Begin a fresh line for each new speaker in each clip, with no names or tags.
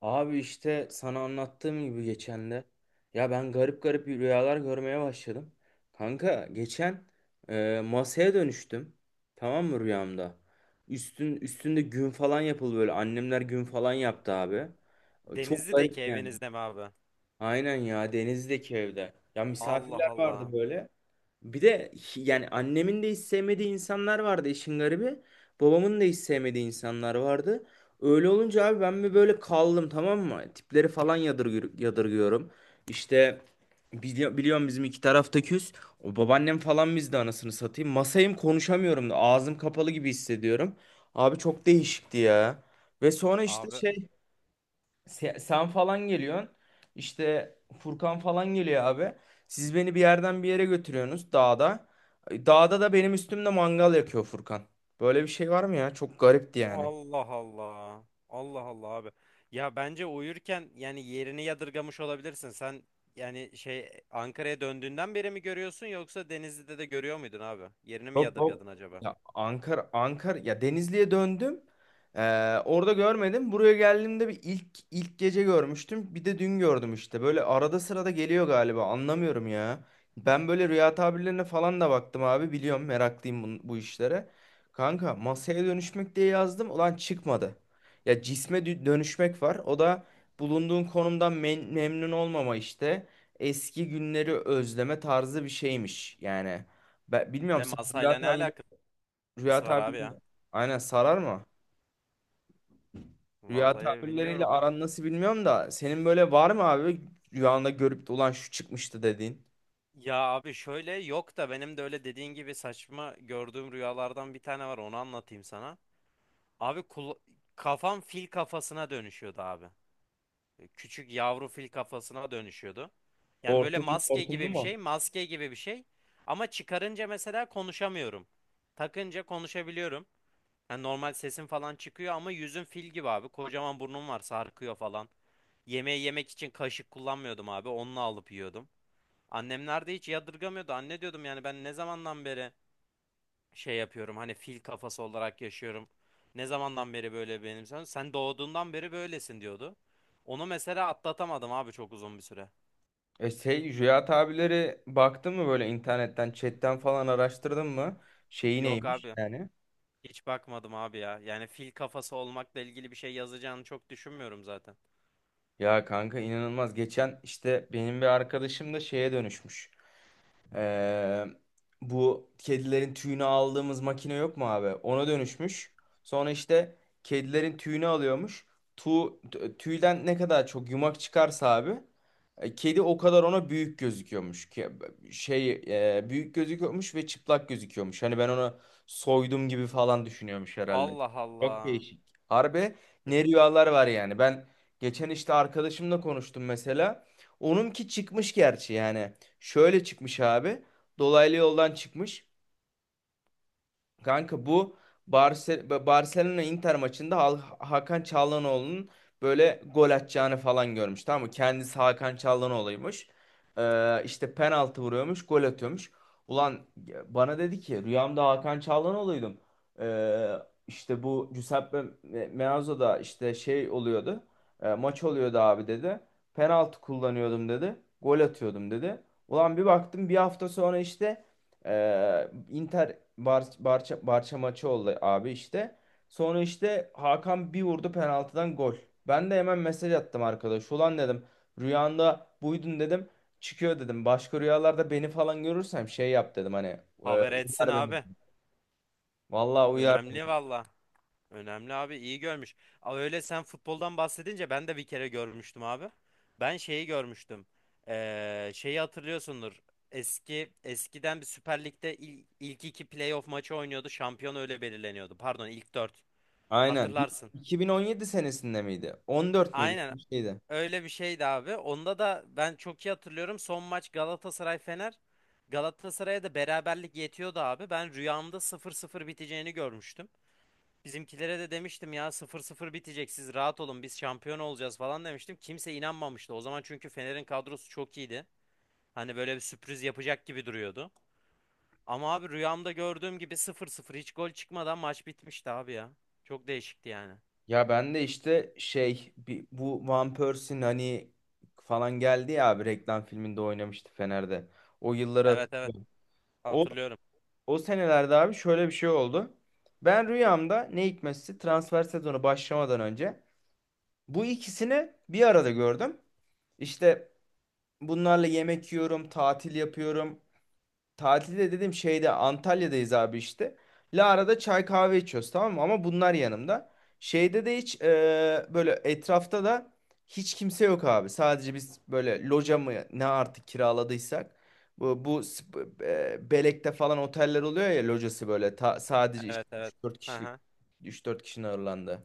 Abi işte sana anlattığım gibi geçen de ya ben garip garip rüyalar görmeye başladım. Kanka geçen, masaya dönüştüm. Tamam mı rüyamda? Üstün üstünde gün falan yapıldı böyle. Annemler gün falan yaptı abi. Çok garip
Denizli'deki
yani.
evinizde mi abi?
Aynen ya, denizdeki evde. Ya
Allah
misafirler vardı
Allah.
böyle. Bir de yani annemin de hiç sevmediği insanlar vardı işin garibi. Babamın da hiç sevmediği insanlar vardı. Öyle olunca abi ben bir böyle kaldım, tamam mı? Tipleri falan yadırgıyorum. İşte biliyorum bizim iki tarafta küs. O babaannem falan bizde, anasını satayım. Masayım, konuşamıyorum da ağzım kapalı gibi hissediyorum. Abi çok değişikti ya. Ve sonra işte
Abi.
şey, sen falan geliyorsun. İşte Furkan falan geliyor abi. Siz beni bir yerden bir yere götürüyorsunuz dağda. Dağda da benim üstümde mangal yakıyor Furkan. Böyle bir şey var mı ya? Çok garipti yani.
Allah Allah. Allah Allah abi. Ya bence uyurken yani yerini yadırgamış olabilirsin. Sen yani şey Ankara'ya döndüğünden beri mi görüyorsun, yoksa Denizli'de de görüyor muydun abi? Yerini mi
Yok, yok.
yadırgadın acaba?
Ya Ankara ya Denizli'ye döndüm. Orada görmedim. Buraya geldiğimde bir ilk, gece görmüştüm. Bir de dün gördüm işte. Böyle arada sırada geliyor galiba. Anlamıyorum ya. Ben böyle rüya tabirlerine falan da baktım abi. Biliyorum, meraklıyım bu işlere. Kanka masaya dönüşmek diye yazdım. Ulan çıkmadı. Ya cisme dönüşmek var. O da bulunduğun konumdan memnun olmama işte. Eski günleri özleme tarzı bir şeymiş. Yani ben bilmiyorum,
De
sen
masayla ne alakası
rüya
var abi ya?
tabirleri aynen sarar mı? Rüya
Vallahi
tabirleriyle
bilmiyorum abi.
aran nasıl bilmiyorum da, senin böyle var mı abi rüyanda görüp de, ulan şu çıkmıştı dediğin?
Ya abi şöyle yok da benim de öyle dediğin gibi saçma gördüğüm rüyalardan bir tane var, onu anlatayım sana. Abi kafam fil kafasına dönüşüyordu abi. Küçük yavru fil kafasına dönüşüyordu. Yani böyle
Hortumlu,
maske
hortumlu
gibi bir
mu?
şey, maske gibi bir şey. Ama çıkarınca mesela konuşamıyorum. Takınca konuşabiliyorum. Yani normal sesim falan çıkıyor ama yüzüm fil gibi abi. Kocaman burnum var, sarkıyor falan. Yemeği yemek için kaşık kullanmıyordum abi. Onunla alıp yiyordum. Annemler de hiç yadırgamıyordu. Anne diyordum, yani ben ne zamandan beri şey yapıyorum, hani fil kafası olarak yaşıyorum. Ne zamandan beri böyle benim sen? Sen doğduğundan beri böylesin diyordu. Onu mesela atlatamadım abi, çok uzun bir süre.
Şey, rüya tabirleri baktın mı böyle, internetten, chatten falan araştırdın mı? Şeyi
Yok
neymiş
abi,
yani?
hiç bakmadım abi ya. Yani fil kafası olmakla ilgili bir şey yazacağını çok düşünmüyorum zaten.
Ya kanka, inanılmaz. Geçen işte benim bir arkadaşım da şeye dönüşmüş. Ee, Bu kedilerin tüyünü aldığımız makine yok mu abi? Ona dönüşmüş. Sonra işte kedilerin tüyünü alıyormuş. Tu, Tüyden ne kadar çok yumak çıkarsa abi, kedi o kadar ona büyük gözüküyormuş. Şey, büyük gözüküyormuş ve çıplak gözüküyormuş. Hani ben ona soydum gibi falan düşünüyormuş herhalde.
Allah
Çok
Allah.
değişik. Harbi, ne rüyalar var yani. Ben geçen işte arkadaşımla konuştum mesela. Onunki çıkmış gerçi yani. Şöyle çıkmış abi. Dolaylı yoldan çıkmış. Kanka bu Barcelona Inter maçında Hakan Çalhanoğlu'nun böyle gol atacağını falan görmüş. Tamam mı? Kendisi Hakan Çalhanoğlu'ymuş. İşte penaltı vuruyormuş, gol atıyormuş. Ulan bana dedi ki, rüyamda Hakan Çalhanoğlu'ydum. Ee, işte bu Giuseppe Meazzo'da işte şey oluyordu. Maç oluyordu abi dedi. Penaltı kullanıyordum dedi. Gol atıyordum dedi. Ulan bir baktım bir hafta sonra işte, Inter Barça maçı oldu abi işte. Sonra işte Hakan bir vurdu penaltıdan, gol. Ben de hemen mesaj attım arkadaş. Ulan dedim, rüyanda buydun dedim. Çıkıyor dedim. Başka rüyalarda beni falan görürsem şey yap dedim hani,
Haber etsin
uyar beni.
abi.
Vallahi uyar.
Önemli valla. Önemli abi, iyi görmüş. Aa, öyle sen futboldan bahsedince ben de bir kere görmüştüm abi. Ben şeyi görmüştüm. Şeyi hatırlıyorsundur. Eskiden bir Süper Lig'de ilk iki playoff maçı oynuyordu. Şampiyon öyle belirleniyordu. Pardon, ilk dört.
Aynen.
Hatırlarsın.
2017 senesinde miydi? 14 müydü?
Aynen
Bir şeydi.
öyle bir şeydi abi. Onda da ben çok iyi hatırlıyorum. Son maç Galatasaray Fener. Galatasaray'a da beraberlik yetiyordu abi. Ben rüyamda 0-0 biteceğini görmüştüm. Bizimkilere de demiştim ya, 0-0 bitecek, siz rahat olun, biz şampiyon olacağız falan demiştim. Kimse inanmamıştı. O zaman çünkü Fener'in kadrosu çok iyiydi. Hani böyle bir sürpriz yapacak gibi duruyordu. Ama abi rüyamda gördüğüm gibi 0-0 hiç gol çıkmadan maç bitmişti abi ya. Çok değişikti yani.
Ya ben de işte şey, bu Van Persie'nin hani falan geldi ya abi, reklam filminde oynamıştı Fener'de. O yılları
Evet, evet,
hatırlıyorum. O,
hatırlıyorum.
o senelerde abi şöyle bir şey oldu. Ben rüyamda ne hikmetse transfer sezonu başlamadan önce bu ikisini bir arada gördüm. İşte bunlarla yemek yiyorum, tatil yapıyorum. Tatilde dedim, şeyde Antalya'dayız abi işte. Lara'da çay kahve içiyoruz, tamam mı? Ama bunlar yanımda. Şeyde de hiç, böyle etrafta da hiç kimse yok abi. Sadece biz, böyle loca mı ne artık kiraladıysak. Belek'te falan oteller oluyor ya, locası böyle sadece işte
Evet, evet.
3-4
Hı
kişilik,
hı.
üç dört kişinin ağırlandığı.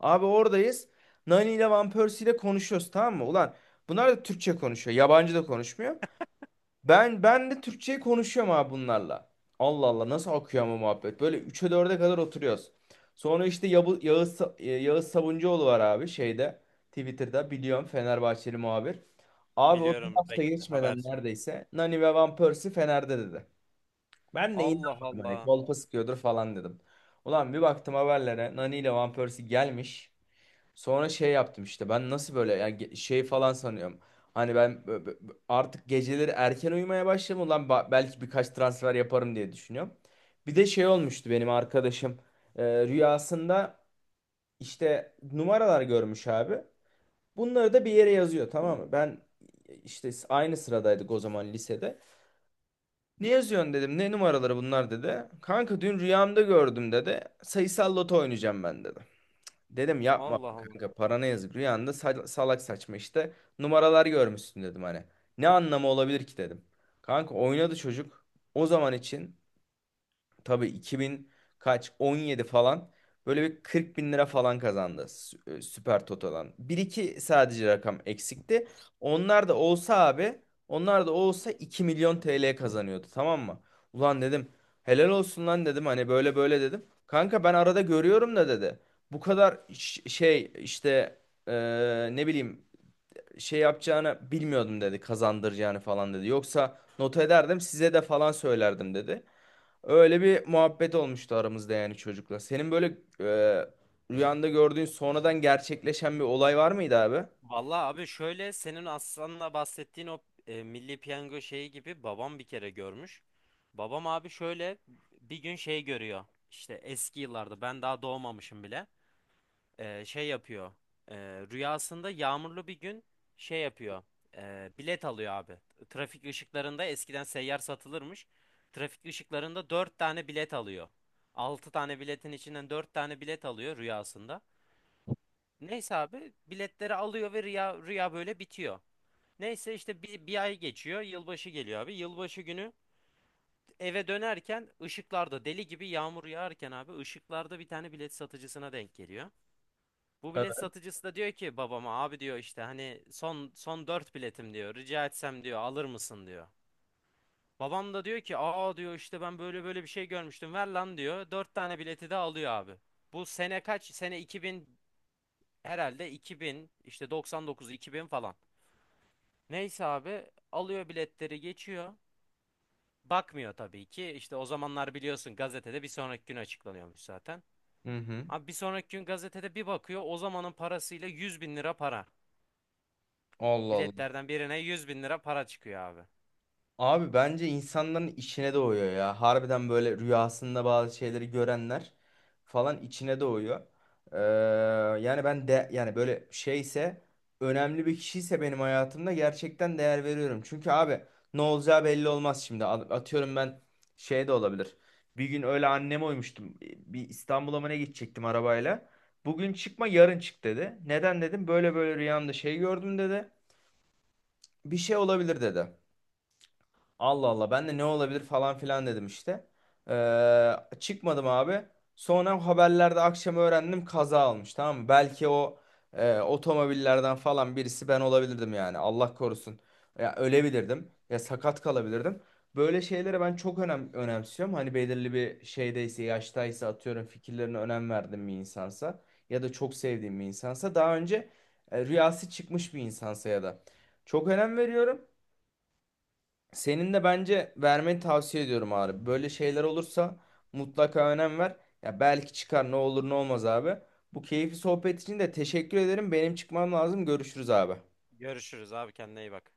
Abi oradayız. Nani ile Van Persie ile konuşuyoruz, tamam mı? Ulan bunlar da Türkçe konuşuyor. Yabancı da konuşmuyor. Ben de Türkçeyi konuşuyorum abi bunlarla. Allah Allah, nasıl akıyor ama muhabbet. Böyle 3'e dörde kadar oturuyoruz. Sonra işte Yağız Sabuncuoğlu var abi, şeyde, Twitter'da, biliyorum Fenerbahçeli muhabir. Abi o bir
Biliyorum,
hafta geçmeden
Haberci.
neredeyse, Nani ve Van Persie Fener'de dedi. Ben de
Allah
inanmadım, hani
Allah.
kolpa sıkıyordur falan dedim. Ulan bir baktım haberlere, Nani ile Van Persie gelmiş. Sonra şey yaptım işte, ben nasıl böyle yani, şey falan sanıyorum. Hani ben artık geceleri erken uyumaya başladım. Ulan belki birkaç transfer yaparım diye düşünüyorum. Bir de şey olmuştu benim arkadaşım. Rüyasında işte numaralar görmüş abi. Bunları da bir yere yazıyor, tamam mı? Ben, işte aynı sıradaydık o zaman lisede. Ne yazıyorsun dedim. Ne numaraları bunlar dedi. Kanka dün rüyamda gördüm dedi. Sayısal Loto oynayacağım ben dedi. Dedim yapma
Allah
bak
Allah.
kanka, parana yazık, rüyanda salak saçma işte numaralar görmüşsün dedim hani. Ne anlamı olabilir ki dedim. Kanka oynadı çocuk, o zaman için tabii, 2000 kaç, 17 falan, böyle bir 40 bin lira falan kazandı Süper Toto'dan. Bir iki sadece rakam eksikti. Onlar da olsa abi, onlar da olsa 2 milyon TL kazanıyordu, tamam mı? Ulan dedim, helal olsun lan dedim, hani böyle böyle dedim. Kanka ben arada görüyorum da dedi. Bu kadar şey işte, e, ne bileyim şey yapacağını bilmiyordum dedi, kazandıracağını falan dedi. Yoksa not ederdim, size de falan söylerdim dedi. Öyle bir muhabbet olmuştu aramızda yani, çocukla. Senin böyle e, rüyanda gördüğün sonradan gerçekleşen bir olay var mıydı abi?
Vallahi abi şöyle, senin Aslan'la bahsettiğin o Milli Piyango şeyi gibi babam bir kere görmüş. Babam abi şöyle bir gün şey görüyor. İşte eski yıllarda, ben daha doğmamışım bile. E, şey yapıyor. E, rüyasında yağmurlu bir gün şey yapıyor. E, bilet alıyor abi. Trafik ışıklarında eskiden seyyar satılırmış. Trafik ışıklarında 4 tane bilet alıyor. 6 tane biletin içinden 4 tane bilet alıyor rüyasında. Neyse abi biletleri alıyor ve rüya böyle bitiyor. Neyse işte bir ay geçiyor. Yılbaşı geliyor abi. Yılbaşı günü eve dönerken ışıklarda deli gibi yağmur yağarken abi ışıklarda bir tane bilet satıcısına denk geliyor. Bu
Evet.
bilet satıcısı da diyor ki babama, abi diyor, işte hani son 4 biletim diyor. Rica etsem diyor, alır mısın diyor. Babam da diyor ki aa diyor, işte ben böyle böyle bir şey görmüştüm, ver lan diyor. Dört tane bileti de alıyor abi. Bu sene kaç? Sene 2000 herhalde, 2000 işte, 99 2000 falan. Neyse abi alıyor biletleri, geçiyor. Bakmıyor tabii ki. İşte o zamanlar biliyorsun, gazetede bir sonraki gün açıklanıyormuş zaten.
Hı hı.
Abi bir sonraki gün gazetede bir bakıyor, o zamanın parasıyla 100.000 lira para.
Allah Allah.
Biletlerden birine 100.000 lira para çıkıyor abi.
Abi bence insanların içine doğuyor ya. Harbiden böyle rüyasında bazı şeyleri görenler falan, içine doğuyor. Ee, Yani ben de yani böyle şeyse, önemli bir kişiyse benim hayatımda, gerçekten değer veriyorum. Çünkü abi, ne olacağı belli olmaz şimdi. Atıyorum, ben şey de olabilir. Bir gün öyle anneme uymuştum. Bir İstanbul'a mı ne gidecektim arabayla. Bugün çıkma, yarın çık dedi. Neden dedim, böyle böyle rüyamda şey gördüm dedi. Bir şey olabilir dedi. Allah Allah, ben de ne olabilir falan filan dedim işte. Ee, Çıkmadım abi. Sonra haberlerde akşam öğrendim, kaza almış, tamam mı? Belki o otomobillerden falan birisi ben olabilirdim yani, Allah korusun. Ya ölebilirdim, ya sakat kalabilirdim. Böyle şeylere ben çok önemsiyorum. Hani belirli bir şeydeyse, yaştaysa, atıyorum fikirlerine önem verdiğim bir insansa, ya da çok sevdiğim bir insansa, daha önce rüyası çıkmış bir insansa, ya da çok önem veriyorum. Senin de bence vermeni tavsiye ediyorum abi. Böyle şeyler olursa mutlaka önem ver. Ya belki çıkar, ne olur ne olmaz abi. Bu keyifli sohbet için de teşekkür ederim. Benim çıkmam lazım. Görüşürüz abi.
Görüşürüz abi, kendine iyi bak.